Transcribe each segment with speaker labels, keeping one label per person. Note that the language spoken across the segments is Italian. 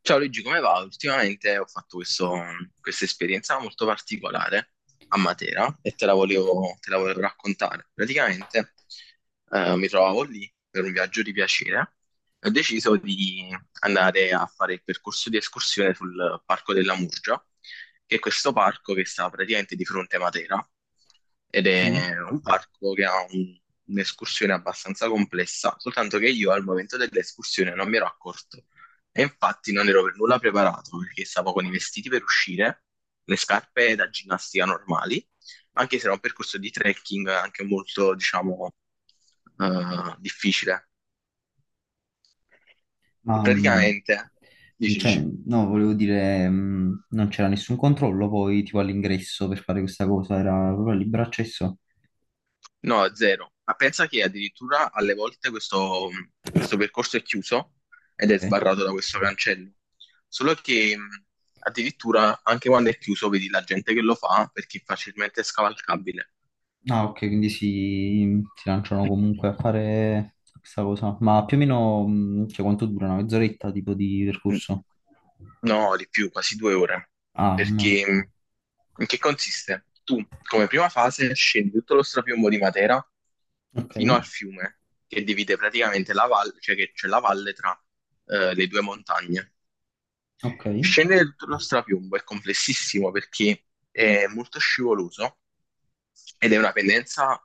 Speaker 1: Ciao Luigi, come va? Ultimamente ho fatto questa esperienza molto particolare a Matera e te la volevo raccontare. Praticamente mi trovavo lì per un viaggio di piacere e ho deciso di andare a fare il percorso di escursione sul Parco della Murgia, che è questo parco che sta praticamente di fronte a Matera ed
Speaker 2: Sì,
Speaker 1: è un parco che ha un'escursione abbastanza complessa, soltanto che io al momento dell'escursione non mi ero accorto e infatti non ero per nulla preparato perché stavo con i vestiti per uscire, le scarpe da ginnastica normali, anche se era un percorso di trekking anche molto, diciamo, difficile.
Speaker 2: ma
Speaker 1: Praticamente, dici,
Speaker 2: cioè,
Speaker 1: dici,
Speaker 2: no, volevo dire, non c'era nessun controllo poi tipo all'ingresso per fare questa cosa, era proprio libero accesso.
Speaker 1: no, zero. Ma pensa che addirittura alle volte questo percorso è chiuso ed è
Speaker 2: Ok.
Speaker 1: sbarrato da questo cancello. Solo che addirittura anche quando è chiuso vedi la gente che lo fa perché è facilmente scavalcabile.
Speaker 2: Ah, ok, quindi si lanciano comunque a fare questa cosa. Ma più o meno, cioè, quanto dura? Una mezz'oretta tipo di
Speaker 1: Mm.
Speaker 2: percorso?
Speaker 1: No, di più, quasi due ore.
Speaker 2: Ah, mm.
Speaker 1: Perché in che consiste? Tu, come prima fase, scendi tutto lo strapiombo di Matera
Speaker 2: Ok,
Speaker 1: fino al fiume, che divide praticamente la valle, cioè che c'è la valle tra le due montagne.
Speaker 2: ok,
Speaker 1: Scendere tutto lo strapiombo è complessissimo perché è molto scivoloso ed è una pendenza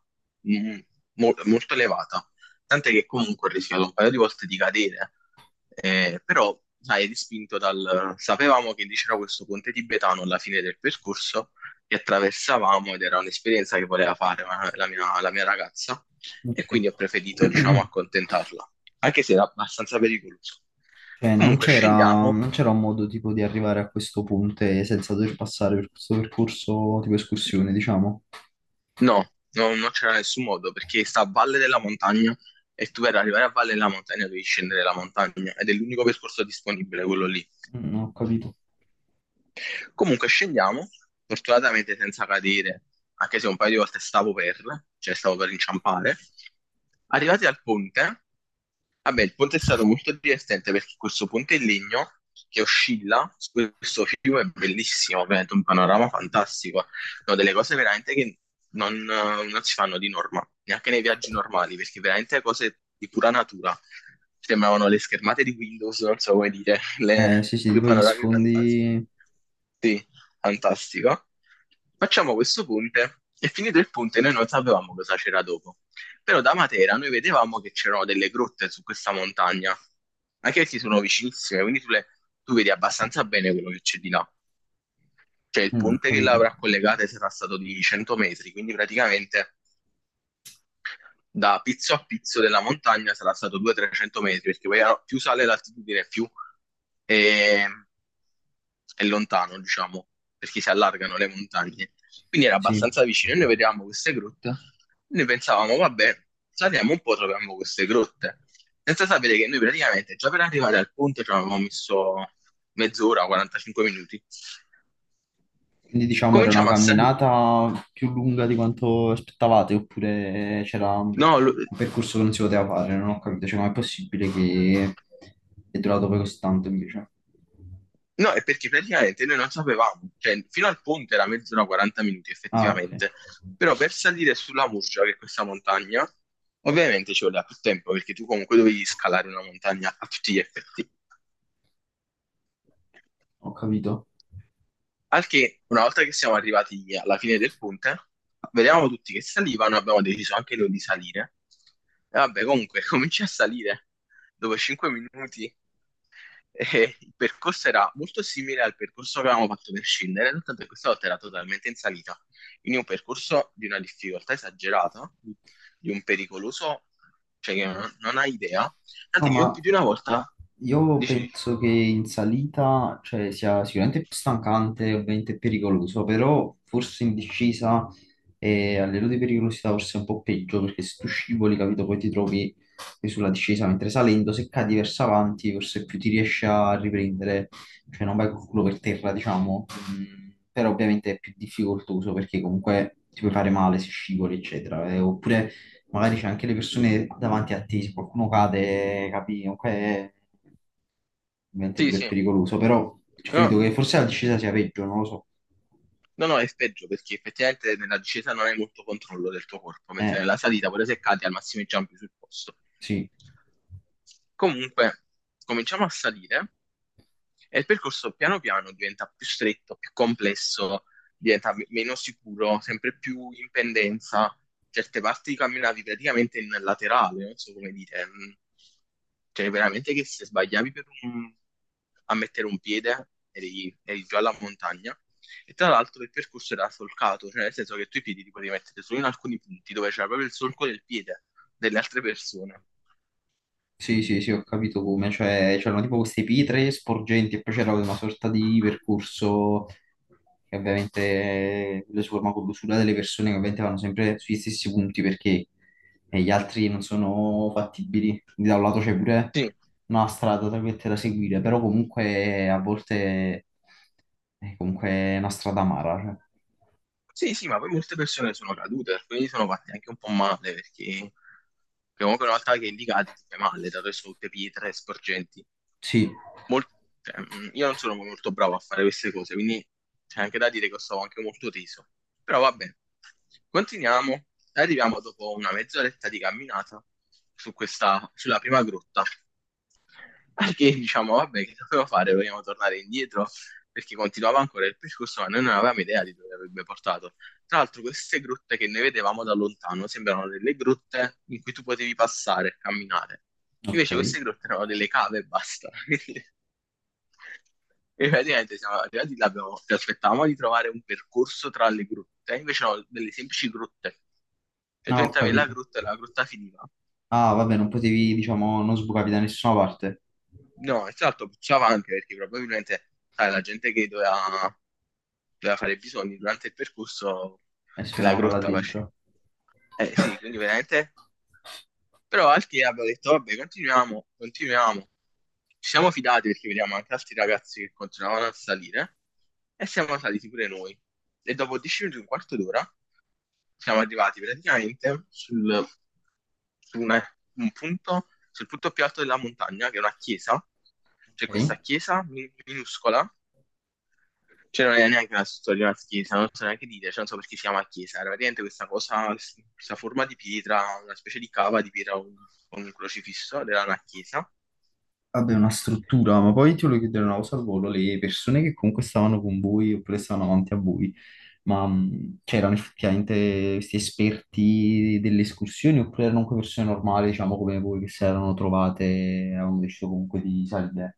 Speaker 1: mm, molto elevata, tant'è che comunque ho rischiato un paio di volte di cadere, però sai, è dispinto dal... Sapevamo che c'era questo ponte tibetano alla fine del percorso che attraversavamo ed era un'esperienza che voleva la la mia ragazza
Speaker 2: ok.
Speaker 1: e quindi ho preferito, diciamo, accontentarla, anche se era abbastanza pericoloso.
Speaker 2: Cioè, non
Speaker 1: Comunque
Speaker 2: c'era
Speaker 1: scendiamo.
Speaker 2: non c'era un modo tipo di arrivare a questo punto e senza dover passare per questo percorso tipo escursione, diciamo.
Speaker 1: No, no, non c'era nessun modo perché sta a valle della montagna e tu per arrivare a valle della montagna devi scendere la montagna ed è l'unico percorso disponibile, quello lì.
Speaker 2: Mm, ho capito.
Speaker 1: Comunque scendiamo, fortunatamente senza cadere, anche se un paio di volte cioè stavo per inciampare. Arrivati al ponte, vabbè, il ponte è stato molto divertente perché questo ponte in legno che oscilla su questo fiume è bellissimo, ovviamente un panorama fantastico. No, delle cose veramente che non si fanno di norma, neanche nei viaggi normali, perché veramente cose di pura natura. Sembravano le schermate di Windows, non so come dire,
Speaker 2: Sì, sì,
Speaker 1: due
Speaker 2: tipo gli
Speaker 1: panorami fantastici.
Speaker 2: sfondi.
Speaker 1: Sì, fantastico. Facciamo questo ponte e finito il ponte noi non sapevamo cosa c'era dopo. Però da Matera noi vedevamo che c'erano delle grotte su questa montagna, anche se sono vicinissime, quindi tu vedi abbastanza bene quello che c'è di là. Cioè il
Speaker 2: Mm, ho
Speaker 1: ponte che
Speaker 2: capito,
Speaker 1: l'avrà collegata sarà stato di 100 metri, quindi praticamente da pizzo a pizzo della montagna sarà stato 200-300 metri, perché poi più sale l'altitudine, più è, è lontano, diciamo, perché si allargano le montagne. Quindi era
Speaker 2: sì.
Speaker 1: abbastanza vicino. E noi vedevamo queste grotte, noi pensavamo, vabbè, saliamo un po', troviamo queste grotte. Senza sapere che noi praticamente già per arrivare al ponte ci avevamo messo mezz'ora, 45 minuti.
Speaker 2: Quindi diciamo era una
Speaker 1: Cominciamo a salire.
Speaker 2: camminata più lunga di quanto aspettavate, oppure c'era un
Speaker 1: No, lo-
Speaker 2: percorso che non si poteva fare, non ho capito, cioè com'è possibile che è durato poi così tanto invece?
Speaker 1: No, è perché praticamente noi non sapevamo, cioè fino al ponte era mezz'ora 40 minuti
Speaker 2: Ah, ok,
Speaker 1: effettivamente, però per salire sulla Murgia, che è questa montagna, ovviamente ci voleva più tempo perché tu comunque dovevi scalare una montagna a tutti gli effetti.
Speaker 2: ho capito.
Speaker 1: Al che una volta che siamo arrivati alla fine del ponte, vedevamo tutti che salivano, abbiamo deciso anche noi di salire. E vabbè, comunque cominci a salire dopo 5 minuti. E il percorso era molto simile al percorso che avevamo fatto per scendere, soltanto che questa volta era totalmente in salita. Quindi un percorso di una difficoltà esagerata, di un pericoloso, cioè che non hai idea.
Speaker 2: No,
Speaker 1: Tanto che io più
Speaker 2: ma
Speaker 1: di una volta
Speaker 2: io
Speaker 1: dici,
Speaker 2: penso che in salita, cioè, sia sicuramente più stancante e ovviamente pericoloso, però forse in discesa e a livello di pericolosità forse è un po' peggio, perché se tu scivoli, capito, poi ti trovi che sulla discesa, mentre salendo, se cadi verso avanti, forse più ti riesci a riprendere, cioè non vai col culo per terra, diciamo. Mm, però ovviamente è più difficoltoso perché comunque ti puoi fare male se scivoli, eccetera. Oppure magari c'è anche le persone davanti a te, se qualcuno cade, capi, comunque è ovviamente
Speaker 1: sì,
Speaker 2: pure
Speaker 1: sì,
Speaker 2: pericoloso, però
Speaker 1: no,
Speaker 2: credo che forse la discesa sia peggio, non lo so.
Speaker 1: no, è peggio perché effettivamente nella discesa non hai molto controllo del tuo corpo, mentre
Speaker 2: Eh,
Speaker 1: nella salita, pure se cadi, al massimo i giampi sul posto.
Speaker 2: sì.
Speaker 1: Comunque, cominciamo a salire. E il percorso piano piano diventa più stretto, più complesso, diventa meno sicuro, sempre più in pendenza. Certe parti camminavi praticamente in laterale, non so come dire. Cioè, veramente che se sbagliavi a mettere un piede eri già alla montagna. E tra l'altro il percorso era solcato, cioè nel senso che tu i piedi li potevi mettere solo in alcuni punti dove c'era proprio il solco del piede delle altre persone.
Speaker 2: Sì, sì, sì, ho capito come, cioè c'erano tipo queste pietre sporgenti e poi c'era una sorta di percorso che ovviamente lo si forma con l'usura delle persone che ovviamente vanno sempre sugli stessi punti perché gli altri non sono fattibili, quindi da un lato c'è pure
Speaker 1: Sì,
Speaker 2: una strada tra virgolette, da seguire, però comunque a volte è comunque una strada amara, cioè.
Speaker 1: sì, sì, ma poi molte persone sono cadute, quindi sono fatte anche un po' male, perché comunque una volta che li cadi ti fai male, dato che sono tutte pietre sporgenti.
Speaker 2: Sì,
Speaker 1: Mol- cioè, io non sono molto bravo a fare queste cose, quindi c'è anche da dire che stavo anche molto teso. Però va bene, continuiamo. Arriviamo dopo una mezz'oretta di camminata su sulla prima grotta, perché diciamo, vabbè, che dovevo fare? Vogliamo tornare indietro, perché continuava ancora il percorso, ma noi non avevamo idea di dove avrebbe portato. Tra l'altro, queste grotte che noi vedevamo da lontano sembrano delle grotte in cui tu potevi passare e camminare.
Speaker 2: ok,
Speaker 1: Invece queste grotte erano delle cave e basta. E praticamente siamo arrivati là, ci aspettavamo di trovare un percorso tra le grotte, invece no, delle semplici grotte. Cioè
Speaker 2: no,
Speaker 1: tu
Speaker 2: ho
Speaker 1: entravi nella
Speaker 2: capito.
Speaker 1: grotta e la grotta finiva.
Speaker 2: Ah, vabbè, non potevi, diciamo, non sbucavi da nessuna parte.
Speaker 1: No, esatto, puzzava anche perché probabilmente, sai, la gente doveva fare i bisogni durante il percorso
Speaker 2: E se no,
Speaker 1: nella
Speaker 2: là
Speaker 1: grotta
Speaker 2: dentro.
Speaker 1: faceva. Eh sì, quindi veramente però altri abbiamo detto, vabbè, continuiamo, continuiamo. Ci siamo fidati perché vediamo anche altri ragazzi che continuavano a salire e siamo saliti pure noi. E dopo 10 minuti, un quarto d'ora, siamo arrivati praticamente su una- un punto, sul punto più alto della montagna, che è una chiesa. C'è questa
Speaker 2: Ok.
Speaker 1: minuscola, cioè non è neanche una storia di una chiesa, non so neanche dire, cioè non so perché si chiama chiesa, era praticamente questa cosa, questa forma di pietra, una specie di cava di pietra con un crocifisso, ed era una chiesa.
Speaker 2: Vabbè, una struttura, ma poi ti volevo chiedere una cosa al volo, le persone che comunque stavano con voi oppure stavano avanti a voi, ma c'erano effettivamente questi esperti delle escursioni oppure erano comunque persone normali, diciamo come voi, che si erano trovate e avevano deciso comunque di salire?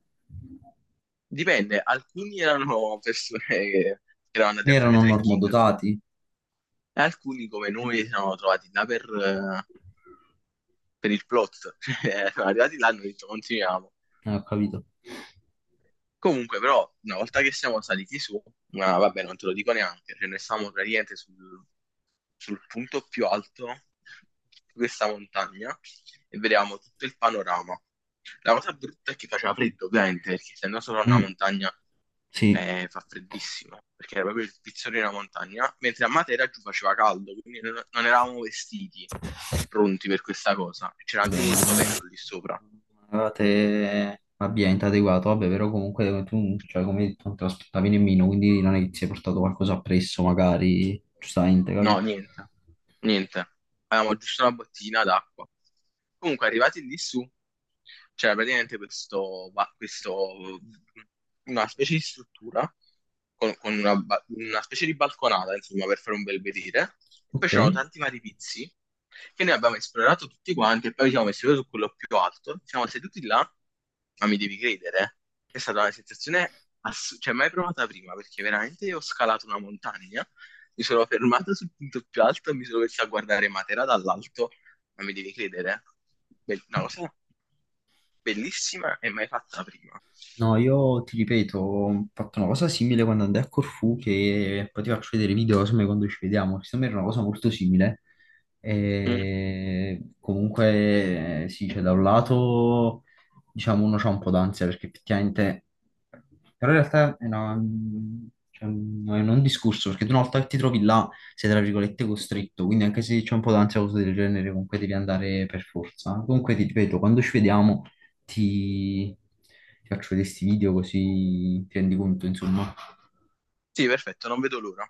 Speaker 1: Dipende, alcuni erano persone che erano andate
Speaker 2: Ne
Speaker 1: a fare
Speaker 2: erano
Speaker 1: trekking
Speaker 2: normodotati?
Speaker 1: e alcuni come noi si sono trovati là per il plot. Cioè, sono arrivati là e hanno detto continuiamo.
Speaker 2: Ho capito.
Speaker 1: Comunque però una volta che siamo saliti su, ma vabbè non te lo dico neanche, cioè noi stavamo praticamente sul punto più alto di questa montagna e vedevamo tutto il panorama. La cosa brutta è che faceva freddo, ovviamente, perché essendo solo una
Speaker 2: Mm,
Speaker 1: montagna
Speaker 2: sì.
Speaker 1: fa freddissimo, perché era proprio il pizzone di una montagna, mentre a Matera giù faceva caldo, quindi non eravamo vestiti pronti per questa cosa. C'era
Speaker 2: Vabbè,
Speaker 1: anche molto
Speaker 2: ma-
Speaker 1: vento lì sopra.
Speaker 2: allora te abbienti adeguato, vabbè, però comunque tu, cioè, come hai detto, non te lo aspettavi nemmeno, quindi non è che ti sei portato qualcosa appresso, magari, giustamente,
Speaker 1: No,
Speaker 2: capi?
Speaker 1: niente, niente. Avevamo giusto una bottiglina d'acqua. Comunque, arrivati lì su, c'era praticamente una specie di struttura con una specie di balconata, insomma, per fare un bel vedere. E poi
Speaker 2: Ok.
Speaker 1: c'erano tanti vari pizzi che noi abbiamo esplorato tutti quanti e poi ci siamo messi proprio su quello più alto. Siamo seduti là, ma mi devi credere, eh, è stata una sensazione assurda, cioè mai provata prima, perché veramente io ho scalato una montagna, mi sono fermato sul punto più alto, e mi sono messo a guardare Matera dall'alto, ma mi devi credere, una cosa bellissima e mai fatta prima.
Speaker 2: No, io ti ripeto, ho fatto una cosa simile quando andai a Corfù, che poi ti faccio vedere i video insomma, quando ci vediamo, insomma era una cosa molto simile.
Speaker 1: Mm.
Speaker 2: E comunque sì, cioè, da un lato diciamo uno c'ha un po' d'ansia perché effettivamente, però in realtà è, cioè, non è un discorso, perché tu una volta che ti trovi là sei tra virgolette costretto, quindi anche se c'è un po' d'ansia o cose del genere comunque devi andare per forza. Comunque ti ripeto, quando ci vediamo ti, ti faccio vedere questi video così ti rendi conto, insomma.
Speaker 1: Sì, perfetto, non vedo l'ora.